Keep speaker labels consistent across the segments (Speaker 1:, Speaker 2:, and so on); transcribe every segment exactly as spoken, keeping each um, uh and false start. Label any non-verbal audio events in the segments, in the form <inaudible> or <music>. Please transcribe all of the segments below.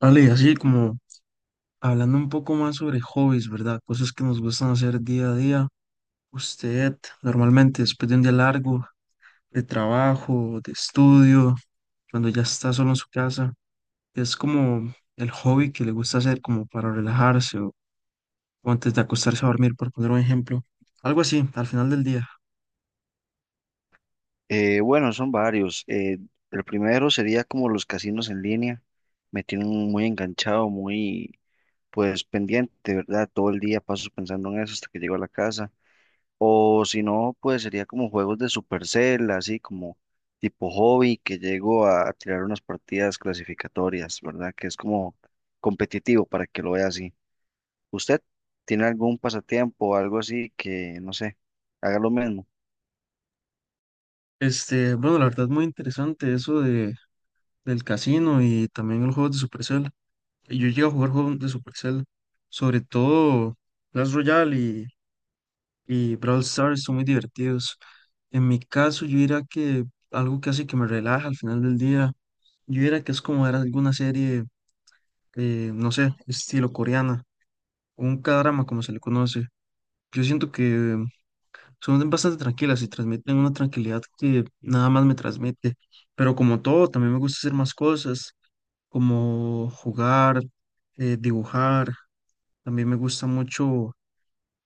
Speaker 1: Vale, así como hablando un poco más sobre hobbies, ¿verdad? Cosas que nos gustan hacer día a día. Usted normalmente después de un día largo de trabajo, de estudio, cuando ya está solo en su casa, es como el hobby que le gusta hacer como para relajarse o, o antes de acostarse a dormir, por poner un ejemplo. Algo así, al final del día.
Speaker 2: Eh, bueno, son varios. Eh, el primero sería como los casinos en línea. Me tienen muy enganchado, muy pues pendiente, ¿verdad? Todo el día paso pensando en eso hasta que llego a la casa. O si no, pues sería como juegos de Supercell, así como tipo hobby, que llego a tirar unas partidas clasificatorias, ¿verdad? Que es como competitivo para que lo vea así. ¿Usted tiene algún pasatiempo o algo así que, no sé, haga lo mismo?
Speaker 1: Este, bueno, la verdad es muy interesante eso de, del casino y también los juegos de Supercell. Yo llego a jugar juegos de Supercell, sobre todo, Clash Royale y Brawl Stars son muy divertidos. En mi caso, yo diría que algo que hace que me relaja al final del día, yo diría que es como ver alguna serie, eh, no sé, estilo coreana, un K-drama como se le conoce. Yo siento que son bastante tranquilas y transmiten una tranquilidad que nada más me transmite. Pero como todo, también me gusta hacer más cosas, como jugar, eh, dibujar. También me gusta mucho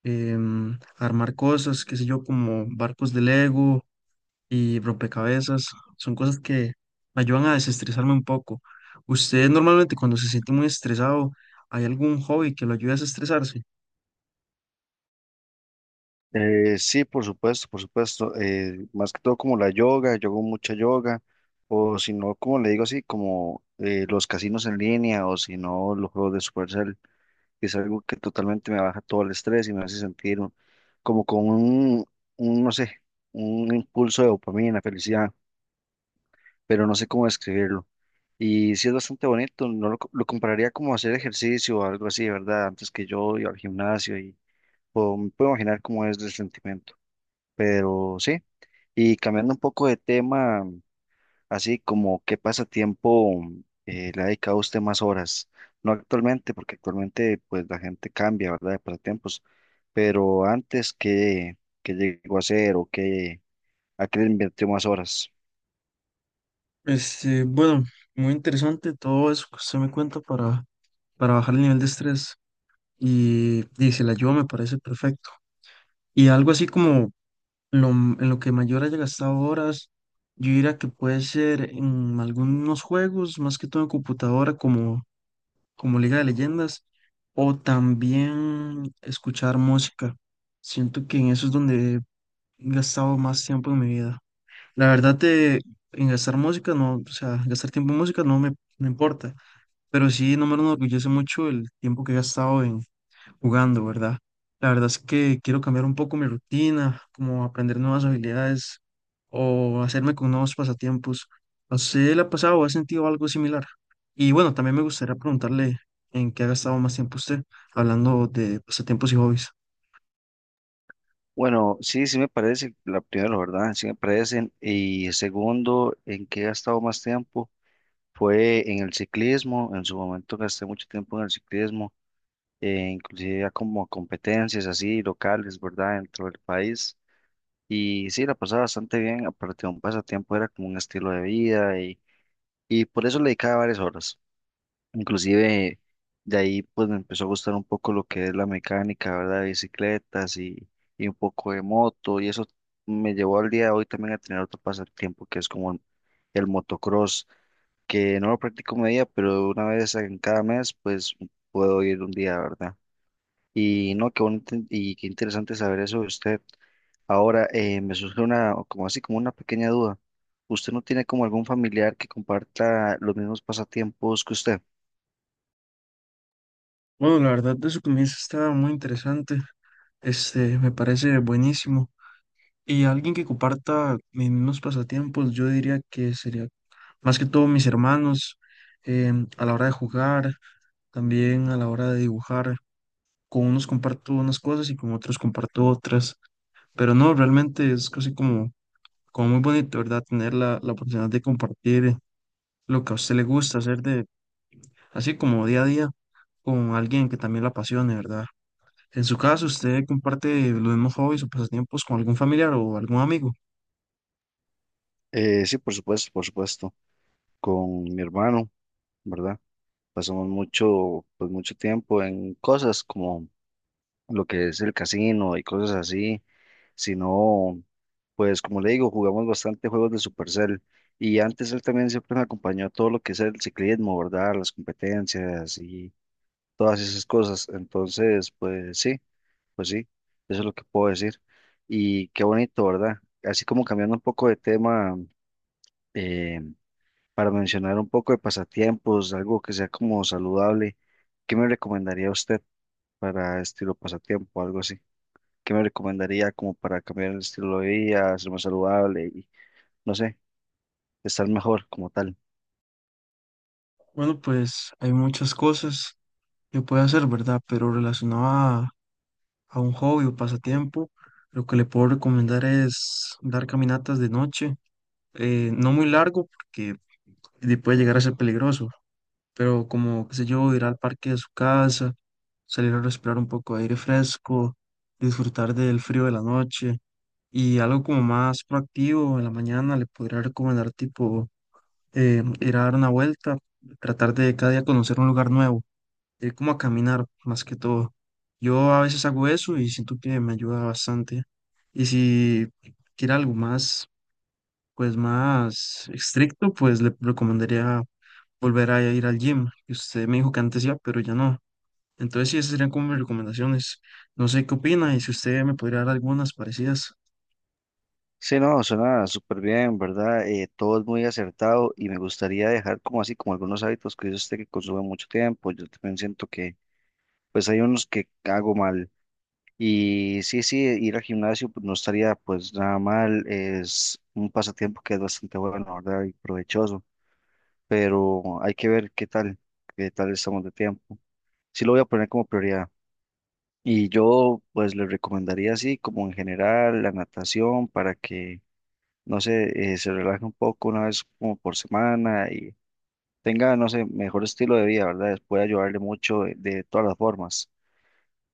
Speaker 1: em, armar cosas, qué sé yo, como barcos de Lego y rompecabezas. Son cosas que me ayudan a desestresarme un poco. ¿Usted normalmente cuando se siente muy estresado, hay algún hobby que lo ayude a desestresarse?
Speaker 2: Eh, sí, por supuesto, por supuesto. Eh, más que todo como la yoga, yo hago mucha yoga, o si no, como le digo así, como eh, los casinos en línea, o si no, los juegos de Supercell, que es algo que totalmente me baja todo el estrés y me hace sentir un- como con un, un, no sé, un impulso de dopamina, felicidad, pero no sé cómo describirlo. Y sí es bastante bonito, no lo, co- lo compararía como hacer ejercicio o algo así, ¿verdad? Antes que yo iba al gimnasio y puedo, puedo imaginar cómo es el sentimiento. Pero sí, y cambiando un poco de tema, así como qué pasatiempo eh, le ha dedicado usted más horas, no actualmente, porque actualmente pues la gente cambia, ¿verdad? De pasatiempos, pero antes qué qué llegó a hacer o qué a qué le invirtió más horas.
Speaker 1: Este, bueno, muy interesante todo eso que usted me cuenta para, para bajar el nivel de estrés. Y dice, la ayuda me parece perfecto. Y algo así como lo, m- en lo que mayor haya gastado horas, yo diría que puede ser en algunos juegos, más que todo en computadora, como como Liga de Leyendas, o también escuchar música. Siento que en eso es donde he gastado más tiempo en mi vida. La verdad de en gastar música, no, o sea, gastar tiempo en música no me, no importa, pero sí no me enorgullece mucho el tiempo que he gastado en, jugando, ¿verdad? La verdad es que quiero cambiar un poco mi rutina, como aprender nuevas habilidades o hacerme con nuevos pasatiempos. No sé, le ha pasado o ha sentido algo similar. Y bueno, también me gustaría preguntarle en qué ha gastado más tiempo usted, hablando de pasatiempos y hobbies.
Speaker 2: Bueno, sí, sí me parece, la primera, ¿verdad? Sí me parecen. Y segundo, en qué he gastado más tiempo fue en el ciclismo, en su momento gasté mucho tiempo en el ciclismo eh, inclusive a como a competencias así locales, ¿verdad? Dentro del país. Y sí, la pasaba bastante bien, aparte de un pasatiempo, era como un estilo de vida y, y por eso le dedicaba varias horas. Inclusive de ahí pues me empezó a gustar un poco lo que es la mecánica, ¿verdad? De bicicletas y, y un poco de moto y eso me llevó al día de hoy también a tener otro pasatiempo que es como el, el motocross, que no lo practico media, pero una vez en cada mes pues puedo ir un día, ¿verdad? Y no, qué bonito y qué interesante saber eso de usted. Ahora, eh, me surge una, como así, como una pequeña duda. ¿Usted no tiene como algún familiar que comparta los mismos pasatiempos que usted?
Speaker 1: Bueno, la verdad de su comienzo está muy interesante. Este, me parece buenísimo. Y alguien que comparta mis mismos pasatiempos, yo diría que sería más que todo mis hermanos, em, a la hora de jugar. También a la hora de dibujar, con unos comparto unas cosas y con otros comparto otras. Pero no, realmente es casi como, como muy bonito, ¿verdad? Tener la, la oportunidad de compartir lo que a usted le gusta hacer de, así como día a día, con alguien que también la apasione, ¿verdad? En su caso, ¿usted comparte los mismos hobbies o pasatiempos con algún familiar o algún amigo?
Speaker 2: Eh, sí, por supuesto, por supuesto. Con mi hermano, ¿verdad? Pasamos mucho, pues mucho tiempo en cosas como lo que es el casino y cosas así, sino pues como le digo, jugamos bastante juegos de Supercell y antes él también siempre me acompañó a todo lo que es el ciclismo, ¿verdad? Las competencias y todas esas cosas. Entonces, pues sí, pues sí, eso es lo que puedo decir. Y qué bonito, ¿verdad? Así como cambiando un poco de tema, eh, para mencionar un poco de pasatiempos, algo que sea como saludable, ¿qué me recomendaría usted para estilo pasatiempo, algo así? ¿Qué me recomendaría como para cambiar el estilo de vida, ser más saludable y no sé? Estar mejor como tal.
Speaker 1: Bueno, pues hay muchas cosas que puede hacer, ¿verdad? Pero relacionado a a un hobby o pasatiempo, lo que le puedo recomendar es dar caminatas de noche, eh, no muy largo porque de- puede llegar a ser peligroso, pero como, qué sé yo, ir al parque de su casa, salir a respirar un poco de aire fresco, disfrutar del frío de la noche y algo como más proactivo en la mañana le podría recomendar tipo eh, ir a dar una vuelta, tratar de cada día conocer un lugar nuevo, ir como a caminar más que todo. Yo a veces hago eso y siento que me ayuda bastante. Y si quiere algo más, pues más estricto, pues le recomendaría volver a ir al gym, que usted me dijo que antes iba, pero ya no. Entonces sí, esas serían como mis recomendaciones. No sé qué opina y si usted me podría dar algunas parecidas.
Speaker 2: Sí, no, suena súper bien, ¿verdad? Eh, todo es muy acertado y me gustaría dejar como así, como algunos hábitos que yo sé que consumen mucho tiempo. Yo también siento que, pues hay unos que hago mal. Y sí, sí, ir al gimnasio pues, no estaría pues nada mal. Es un pasatiempo que es bastante bueno, ¿verdad? Y provechoso. Pero hay que ver qué tal, qué tal estamos de tiempo. Sí lo voy a poner como prioridad. Y yo pues le recomendaría así, como en general, la natación para que no sé, eh, se relaje un poco una vez como por semana y tenga, no sé, mejor estilo de vida, ¿verdad? Puede ayudarle mucho de, de todas las formas.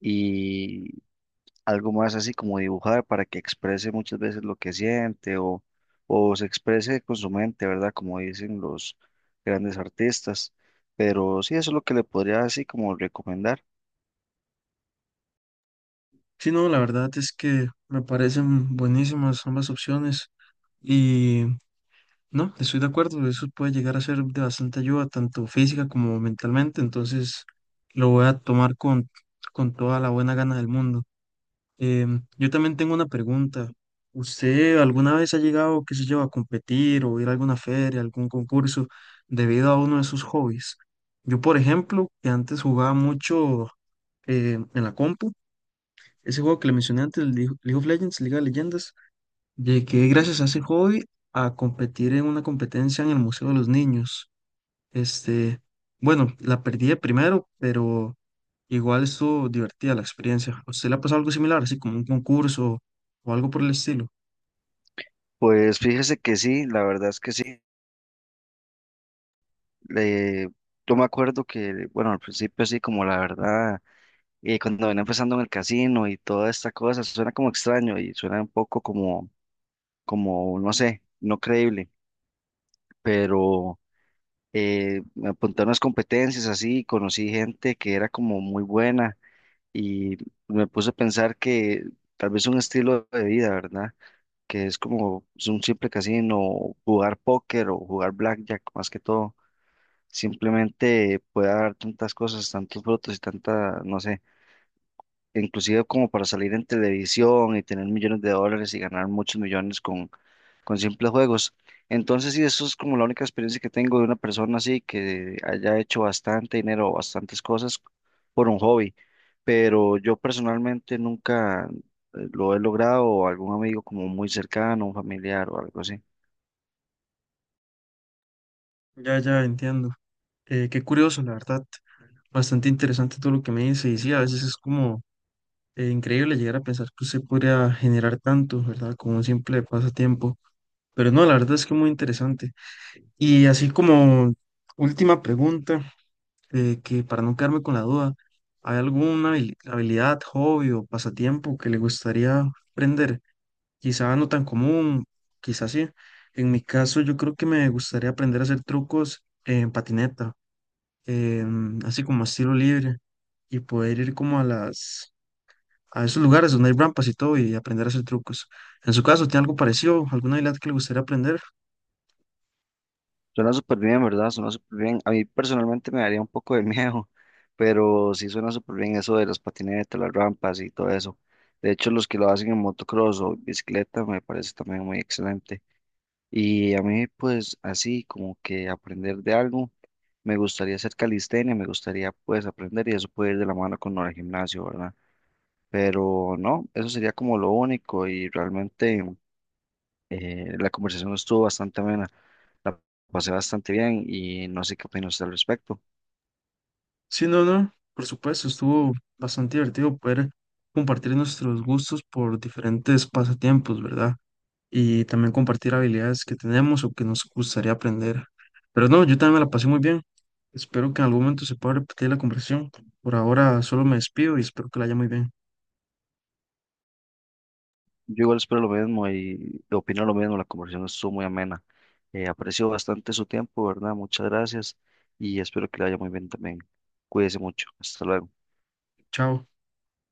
Speaker 2: Y algo más así como dibujar para que exprese muchas veces lo que siente o, o se exprese con su mente, ¿verdad? Como dicen los grandes artistas. Pero sí, eso es lo que le podría así como recomendar.
Speaker 1: Sí, no, la verdad es que me parecen buenísimas ambas opciones. Y no, estoy de acuerdo, eso puede llegar a ser de bastante ayuda, tanto física como mentalmente, entonces lo voy a tomar con, con toda la buena gana del mundo. Em, yo también tengo una pregunta. ¿Usted alguna vez ha llegado, qué sé yo, a competir o ir a alguna feria, algún concurso debido a uno de sus hobbies? Yo, por ejemplo, que antes jugaba mucho eh, en la compu, ese juego que le mencioné antes, el League League of Legends, Liga de Leyendas, llegué gracias a ese hobby a competir en una competencia en el Museo de los Niños. Este, bueno, la perdí de primero, pero igual estuvo divertida la experiencia. ¿A usted le ha pasado algo similar, así como un concurso o algo por el estilo?
Speaker 2: Pues fíjese que sí, la verdad es que sí. Le, yo me acuerdo que, bueno, al principio así como la verdad y cuando venía empezando en el casino y toda esta cosa, suena como extraño y suena un poco como, como, no sé, no creíble, pero eh, me apunté a unas competencias así, conocí gente que era como muy buena y me puse a pensar que tal vez un estilo de vida, ¿verdad? Que es como es un simple casino, jugar póker o jugar blackjack, más que todo, simplemente puede dar tantas cosas, tantos frutos y tanta, no sé inclusive como para salir en televisión y tener millones de dólares y ganar muchos millones con, con simples juegos. Entonces, sí, eso es como la única experiencia que tengo de una persona así que haya hecho bastante dinero o bastantes cosas por un hobby. Pero yo personalmente nunca eh, lo he logrado o algún amigo como muy cercano, un familiar o algo así.
Speaker 1: Ya, ya, entiendo. Eh, qué curioso, la verdad. Bastante interesante todo lo que me dice. Y sí, a veces es como eh, increíble llegar a pensar que usted podría generar tanto, ¿verdad? Como un simple pasatiempo. Pero no, la verdad es que muy interesante. Y así como última pregunta. eh, que para no quedarme con la duda, ¿hay alguna habili- habilidad, hobby o pasatiempo que le gustaría aprender? Quizá no tan común, quizá sí. En mi caso, yo creo que me gustaría aprender a hacer trucos en patineta, em, así como a estilo libre, y poder ir como a las, a esos lugares donde hay rampas y todo y aprender a hacer trucos. En su caso, ¿tiene algo parecido? ¿Alguna habilidad que le gustaría aprender?
Speaker 2: Suena súper bien, ¿verdad? Suena súper bien. A mí personalmente me daría un poco de <laughs> miedo, pero sí suena súper bien eso de las patinetas, las rampas y todo eso. De hecho, los que lo hacen en motocross o bicicleta me parece también muy excelente. Y a mí, pues así como que aprender de algo, me gustaría hacer calistenia, me gustaría pues aprender y eso puede ir de la mano con el gimnasio, ¿verdad? Pero no, eso sería como lo único y realmente eh, la conversación estuvo bastante amena. La pasé bastante bien y no sé qué opina usted al respecto.
Speaker 1: Sí, no, no, por supuesto, estuvo bastante divertido poder compartir nuestros gustos por diferentes pasatiempos, ¿verdad? Y también compartir habilidades que tenemos o que nos gustaría aprender. Pero no, yo también me la pasé muy bien. Espero que en algún momento se pueda repetir la conversación. Por ahora solo me despido y espero que la haya muy bien.
Speaker 2: Yo igual espero lo mismo y opino lo mismo. La conversación estuvo muy amena. Eh, aprecio bastante su tiempo, ¿verdad? Muchas gracias y espero que le vaya muy bien también. Cuídese mucho. Hasta luego.
Speaker 1: Chao.